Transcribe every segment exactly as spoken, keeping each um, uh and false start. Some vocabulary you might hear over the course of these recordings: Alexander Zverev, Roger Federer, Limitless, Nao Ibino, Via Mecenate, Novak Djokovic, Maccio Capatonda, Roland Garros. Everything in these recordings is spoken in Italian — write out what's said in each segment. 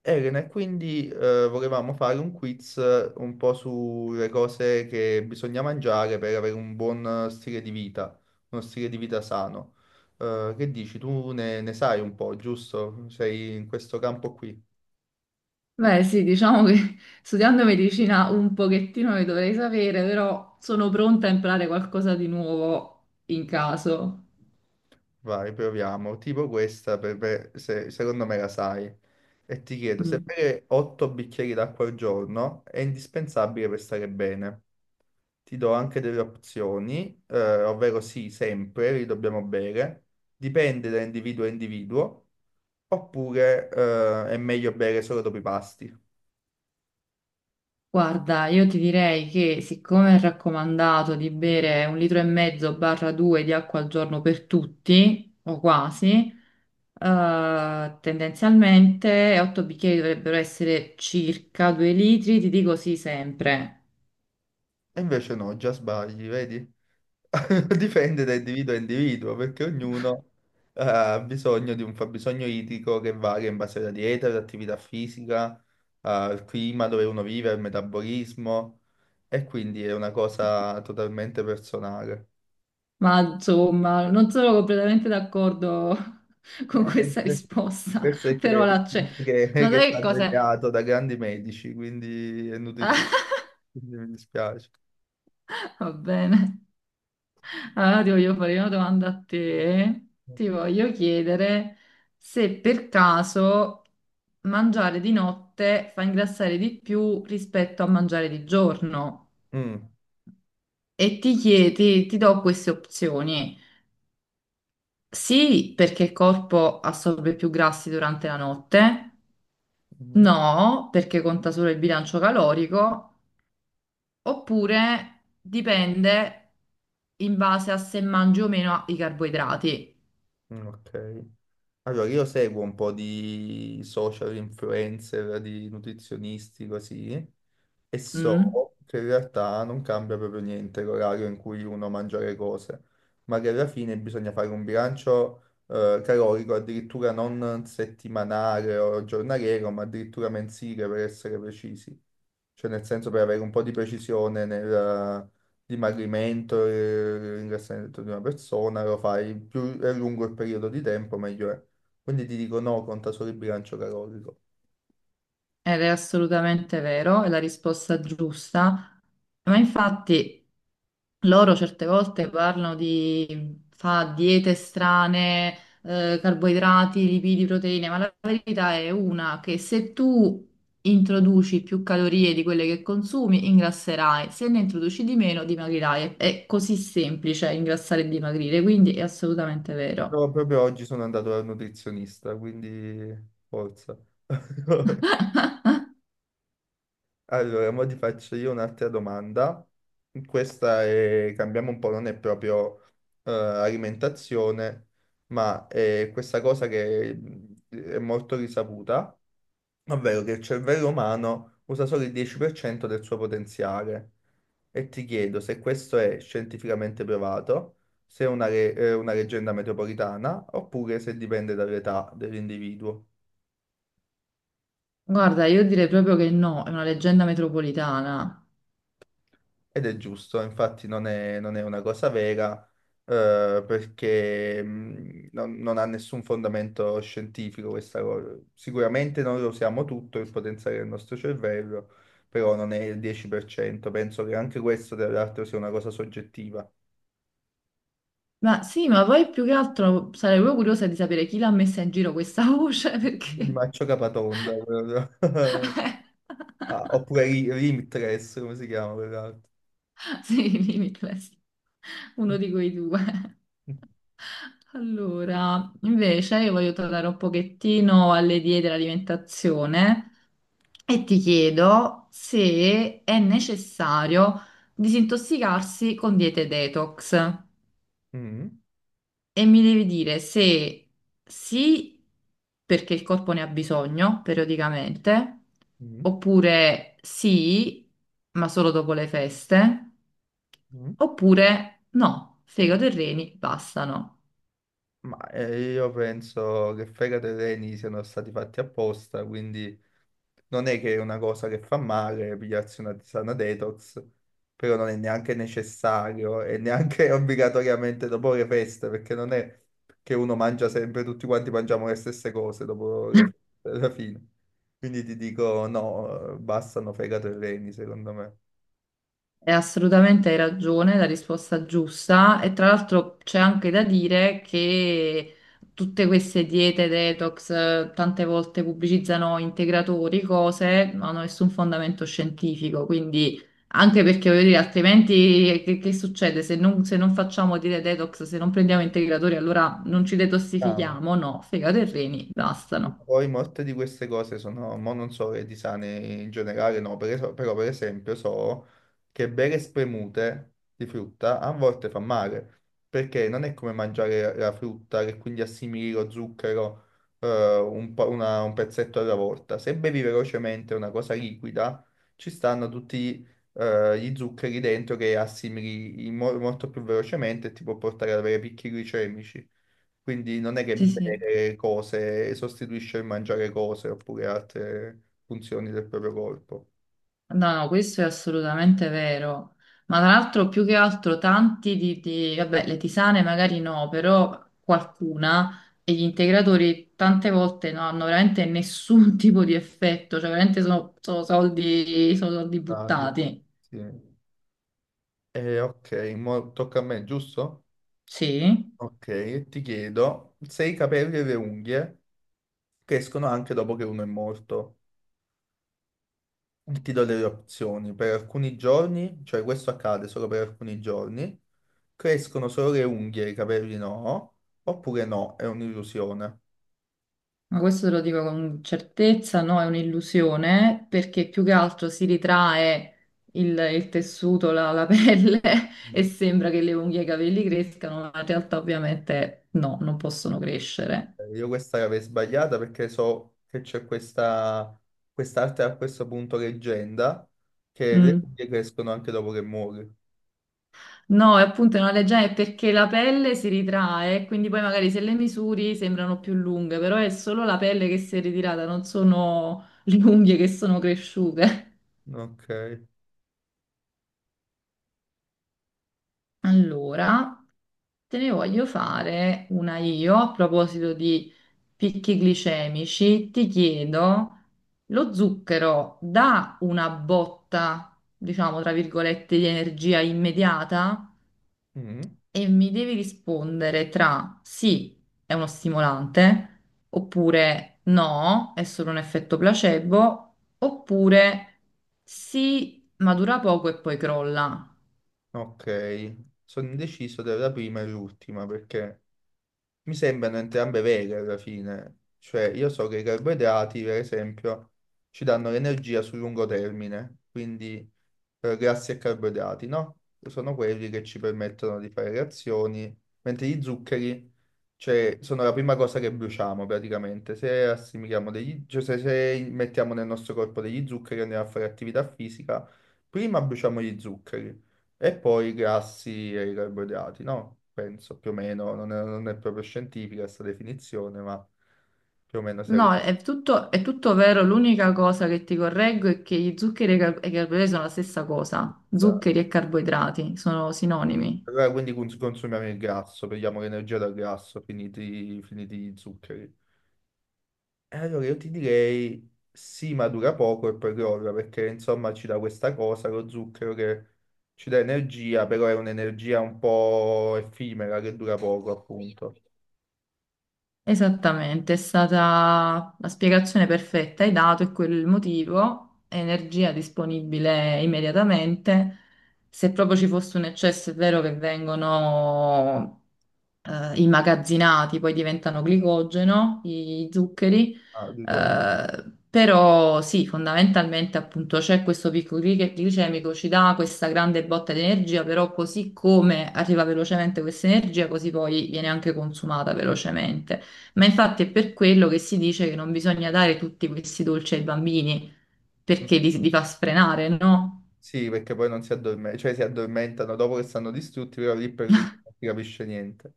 Elena, e quindi eh, volevamo fare un quiz, eh, un po' sulle cose che bisogna mangiare per avere un buon stile di vita, uno stile di vita sano. Eh, che dici? Tu ne, ne sai un po', giusto? Sei in questo campo qui. Beh, sì, diciamo che studiando medicina un pochettino le dovrei sapere, però sono pronta a imparare qualcosa di nuovo in caso. Vai, proviamo. Tipo questa, per- per- se- secondo me la sai. E ti chiedo, se Mm. bere otto bicchieri d'acqua al giorno è indispensabile per stare bene. Ti do anche delle opzioni, eh, ovvero sì, sempre li dobbiamo bere, dipende da individuo a individuo, oppure, eh, è meglio bere solo dopo i pasti. Guarda, io ti direi che siccome è raccomandato di bere un litro e mezzo barra due di acqua al giorno per tutti, o quasi, eh, tendenzialmente otto bicchieri dovrebbero essere circa due litri, ti dico sì sempre. E invece no, già sbagli, vedi? Dipende da individuo a individuo, perché ognuno eh, ha bisogno di un fabbisogno idrico che varia in base alla dieta, all'attività fisica, eh, al clima dove uno vive, al metabolismo, e quindi è una cosa totalmente personale. Ma insomma, non sono completamente d'accordo con Eh, questa per- risposta, Questo è però che, la c'è. che- che No, è sai che stato cos'è? ideato da grandi medici, quindi è nutrizio. Quindi mi dispiace. Ah, va bene. Allora ti voglio fare una domanda a te. Ti voglio chiedere se per caso mangiare di notte fa ingrassare di più rispetto a mangiare di giorno. Mm, E ti chiedi, ti do queste opzioni. Sì, perché il corpo assorbe più grassi durante la notte. mm, No, perché conta solo il bilancio calorico, oppure dipende in base a se mangi o meno i carboidrati. mm, ok. Allora, io seguo un po' di social influencer, di nutrizionisti, così. E Mm? so che in realtà non cambia proprio niente l'orario in cui uno mangia le cose, ma che alla fine bisogna fare un bilancio, eh, calorico, addirittura non settimanale o giornaliero, ma addirittura mensile per essere precisi, cioè nel senso per avere un po' di precisione nel, eh, dimagrimento e ringraziamento di una persona, lo fai più è lungo il periodo di tempo, meglio è. Quindi ti dico no, conta solo il bilancio calorico. Ed è assolutamente vero, è la risposta giusta, ma infatti loro certe volte parlano di fa diete strane, eh, carboidrati, lipidi, proteine, ma la verità è una che se tu introduci più calorie di quelle che consumi, ingrasserai, se ne introduci di meno, dimagrirai. È così semplice ingrassare e dimagrire, quindi è assolutamente vero. No, proprio oggi sono andato dal nutrizionista, quindi forza. Allora, ora ti faccio io un'altra domanda. Questa è, cambiamo un po', non è proprio, eh, alimentazione, ma è questa cosa che mh, è molto risaputa, ovvero che il cervello umano usa solo il dieci per cento del suo potenziale. E ti chiedo se questo è scientificamente provato, se è una, re- eh, una leggenda metropolitana, oppure se dipende dall'età dell'individuo. Guarda, io direi proprio che no, è una leggenda metropolitana. Ed è giusto, infatti non è, non è una cosa vera, eh, perché mh, non, non ha nessun fondamento scientifico questa cosa. Sicuramente noi lo usiamo tutto il potenziale del nostro cervello, però non è il dieci per cento. Penso che anche questo, tra l'altro, sia una cosa soggettiva. Ma sì, ma poi più che altro sarei proprio curiosa di sapere chi l'ha messa in giro questa voce, Di perché... Maccio Capatonda. proprio. Ah, oppure Ri- Limitless, come si chiama quell'altro? Sì, Limitless, uno di quei due. Allora, invece io voglio tornare un pochettino alle diete e all'alimentazione e ti chiedo se è necessario disintossicarsi con diete detox. Mm, mm, E mi devi dire se sì, perché il corpo ne ha bisogno periodicamente, mm. oppure sì, ma solo dopo le feste, Mm. oppure no, fegato e reni bastano. Ma eh, io penso che fegato e reni siano stati fatti apposta, quindi non è che è una cosa che fa male pigliarsi una tisana detox, però non è neanche necessario e neanche obbligatoriamente dopo le feste, perché non è che uno mangia sempre, tutti quanti mangiamo le stesse cose dopo le feste, alla fine. Quindi ti dico no, eh, bastano fegato e reni, secondo me. E assolutamente hai ragione, la risposta giusta. E tra l'altro c'è anche da dire che tutte queste diete detox eh, tante volte pubblicizzano integratori, cose, non hanno nessun fondamento scientifico. Quindi, anche perché voglio dire, altrimenti che, che succede? Se non, se non facciamo diete detox, se non prendiamo integratori, allora non ci Amo. detossifichiamo? No, fegato e reni, bastano. Poi molte di queste cose sono, mo non so le di sane in generale, no, per es- però per esempio so che bere spremute di frutta a volte fa male, perché non è come mangiare la frutta che quindi assimili lo zucchero, eh, un, po- una- un pezzetto alla volta. Se bevi velocemente una cosa liquida, ci stanno tutti, eh, gli zuccheri dentro che assimili in mo- molto più velocemente e ti può portare ad avere picchi glicemici. Quindi non è che Sì, sì. bere cose sostituisce il mangiare cose oppure altre funzioni del proprio corpo. No, no, questo è assolutamente vero. Ma tra l'altro, più che altro, tanti di, di- vabbè, le tisane magari no, però qualcuna e gli integratori tante volte non hanno veramente nessun tipo di effetto, cioè veramente sono, sono soldi, sono soldi Ah, sì. buttati. Sì. Eh, ok, mo tocca a me, giusto? Sì. Ok, e ti chiedo se i capelli e le unghie crescono anche dopo che uno è morto. Ti do delle opzioni. Per alcuni giorni, cioè questo accade solo per alcuni giorni, crescono solo le unghie, i capelli no, oppure no, è un'illusione. Ma questo te lo dico con certezza, no, è un'illusione perché più che altro si ritrae il, il tessuto, la, la pelle e sembra che le unghie e i capelli crescano, ma in realtà ovviamente no, non possono crescere. Eh, Io questa l'avevo sbagliata perché so che c'è questa quest'arte a questo punto leggenda che le Mm. figlie crescono anche dopo che muori. No, è appunto una leggenda è perché la pelle si ritrae, quindi poi magari se le misuri sembrano più lunghe, però è solo la pelle che si è ritirata, non sono le unghie che sono cresciute. Ok. Allora. Te ne voglio fare una io a proposito di picchi glicemici. Ti chiedo, lo zucchero dà una botta, diciamo tra virgolette, di energia immediata? Mm, E mi devi rispondere tra sì, è uno stimolante, oppure no, è solo un effetto placebo, oppure sì, ma dura poco e poi crolla. ok. Sono indeciso tra la prima e l'ultima perché mi sembrano entrambe vere alla fine. Cioè, io so che i carboidrati, per esempio, ci danno l'energia sul lungo termine, quindi, eh, grassi e carboidrati, no? Sono quelli che ci permettono di fare reazioni, mentre gli zuccheri, cioè, sono la prima cosa che bruciamo praticamente. Se assimiliamo degli, cioè, se, se mettiamo nel nostro corpo degli zuccheri e andiamo a fare attività fisica, prima bruciamo gli zuccheri e poi i grassi e i carboidrati, no? Penso più o meno, non è, non è proprio scientifica questa definizione, ma più o meno si No, è tutto, è tutto vero. L'unica cosa che ti correggo è che gli zuccheri e i car- e i carboidrati sono la stessa cosa. è. Zuccheri e carboidrati sono sinonimi. Allora, quindi cons- consumiamo il grasso, prendiamo l'energia dal grasso, finiti, finiti gli zuccheri. E allora io ti direi sì, ma dura poco e poi crolla, perché insomma ci dà questa cosa, lo zucchero, che ci dà energia, però è un'energia un po' effimera che dura poco, appunto. Esattamente, è stata la spiegazione perfetta. Hai dato è quello il motivo. Energia disponibile immediatamente. Se proprio ci fosse un eccesso, è vero che vengono. Eh, immagazzinati, poi diventano glicogeno, i zuccheri, Ah, ricordo. eh, però sì, fondamentalmente appunto c'è questo picco gli- glicemico, ci dà questa grande botta di energia, però così come arriva velocemente questa energia, così poi viene anche consumata velocemente. Ma infatti è per quello che si dice che non bisogna dare tutti questi dolci ai bambini, Mm. perché li, li fa sfrenare, no? Sì, perché poi non si addormentano, cioè si addormentano dopo che stanno distrutti, però lì per lì non si capisce niente.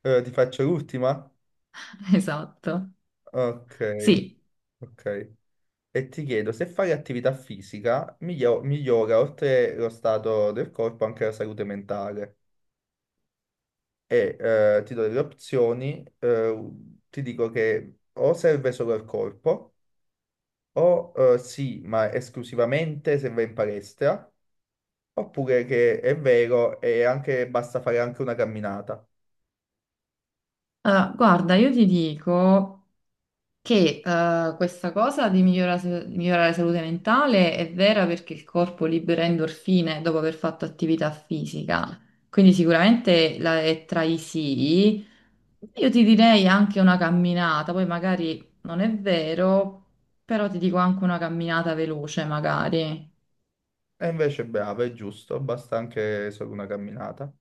Allora, ti faccio l'ultima? Esatto. Ok, Sì. ok. E ti chiedo, se fare attività fisica miglio- migliora, oltre lo stato del corpo, anche la salute mentale. E, eh, ti do delle opzioni, eh, ti dico che o serve solo al corpo, o, eh, sì, ma esclusivamente se vai in palestra, oppure che è vero e anche, basta fare anche una camminata. Eh, guarda, io ti dico, che eh, questa cosa di migliorare, migliorare la salute mentale è vera perché il corpo libera endorfine dopo aver fatto attività fisica. Quindi sicuramente la- è tra i sì. Io ti direi anche una camminata, poi magari non è vero, però ti dico anche una camminata veloce, magari. E invece bravo, è giusto, basta anche solo una camminata.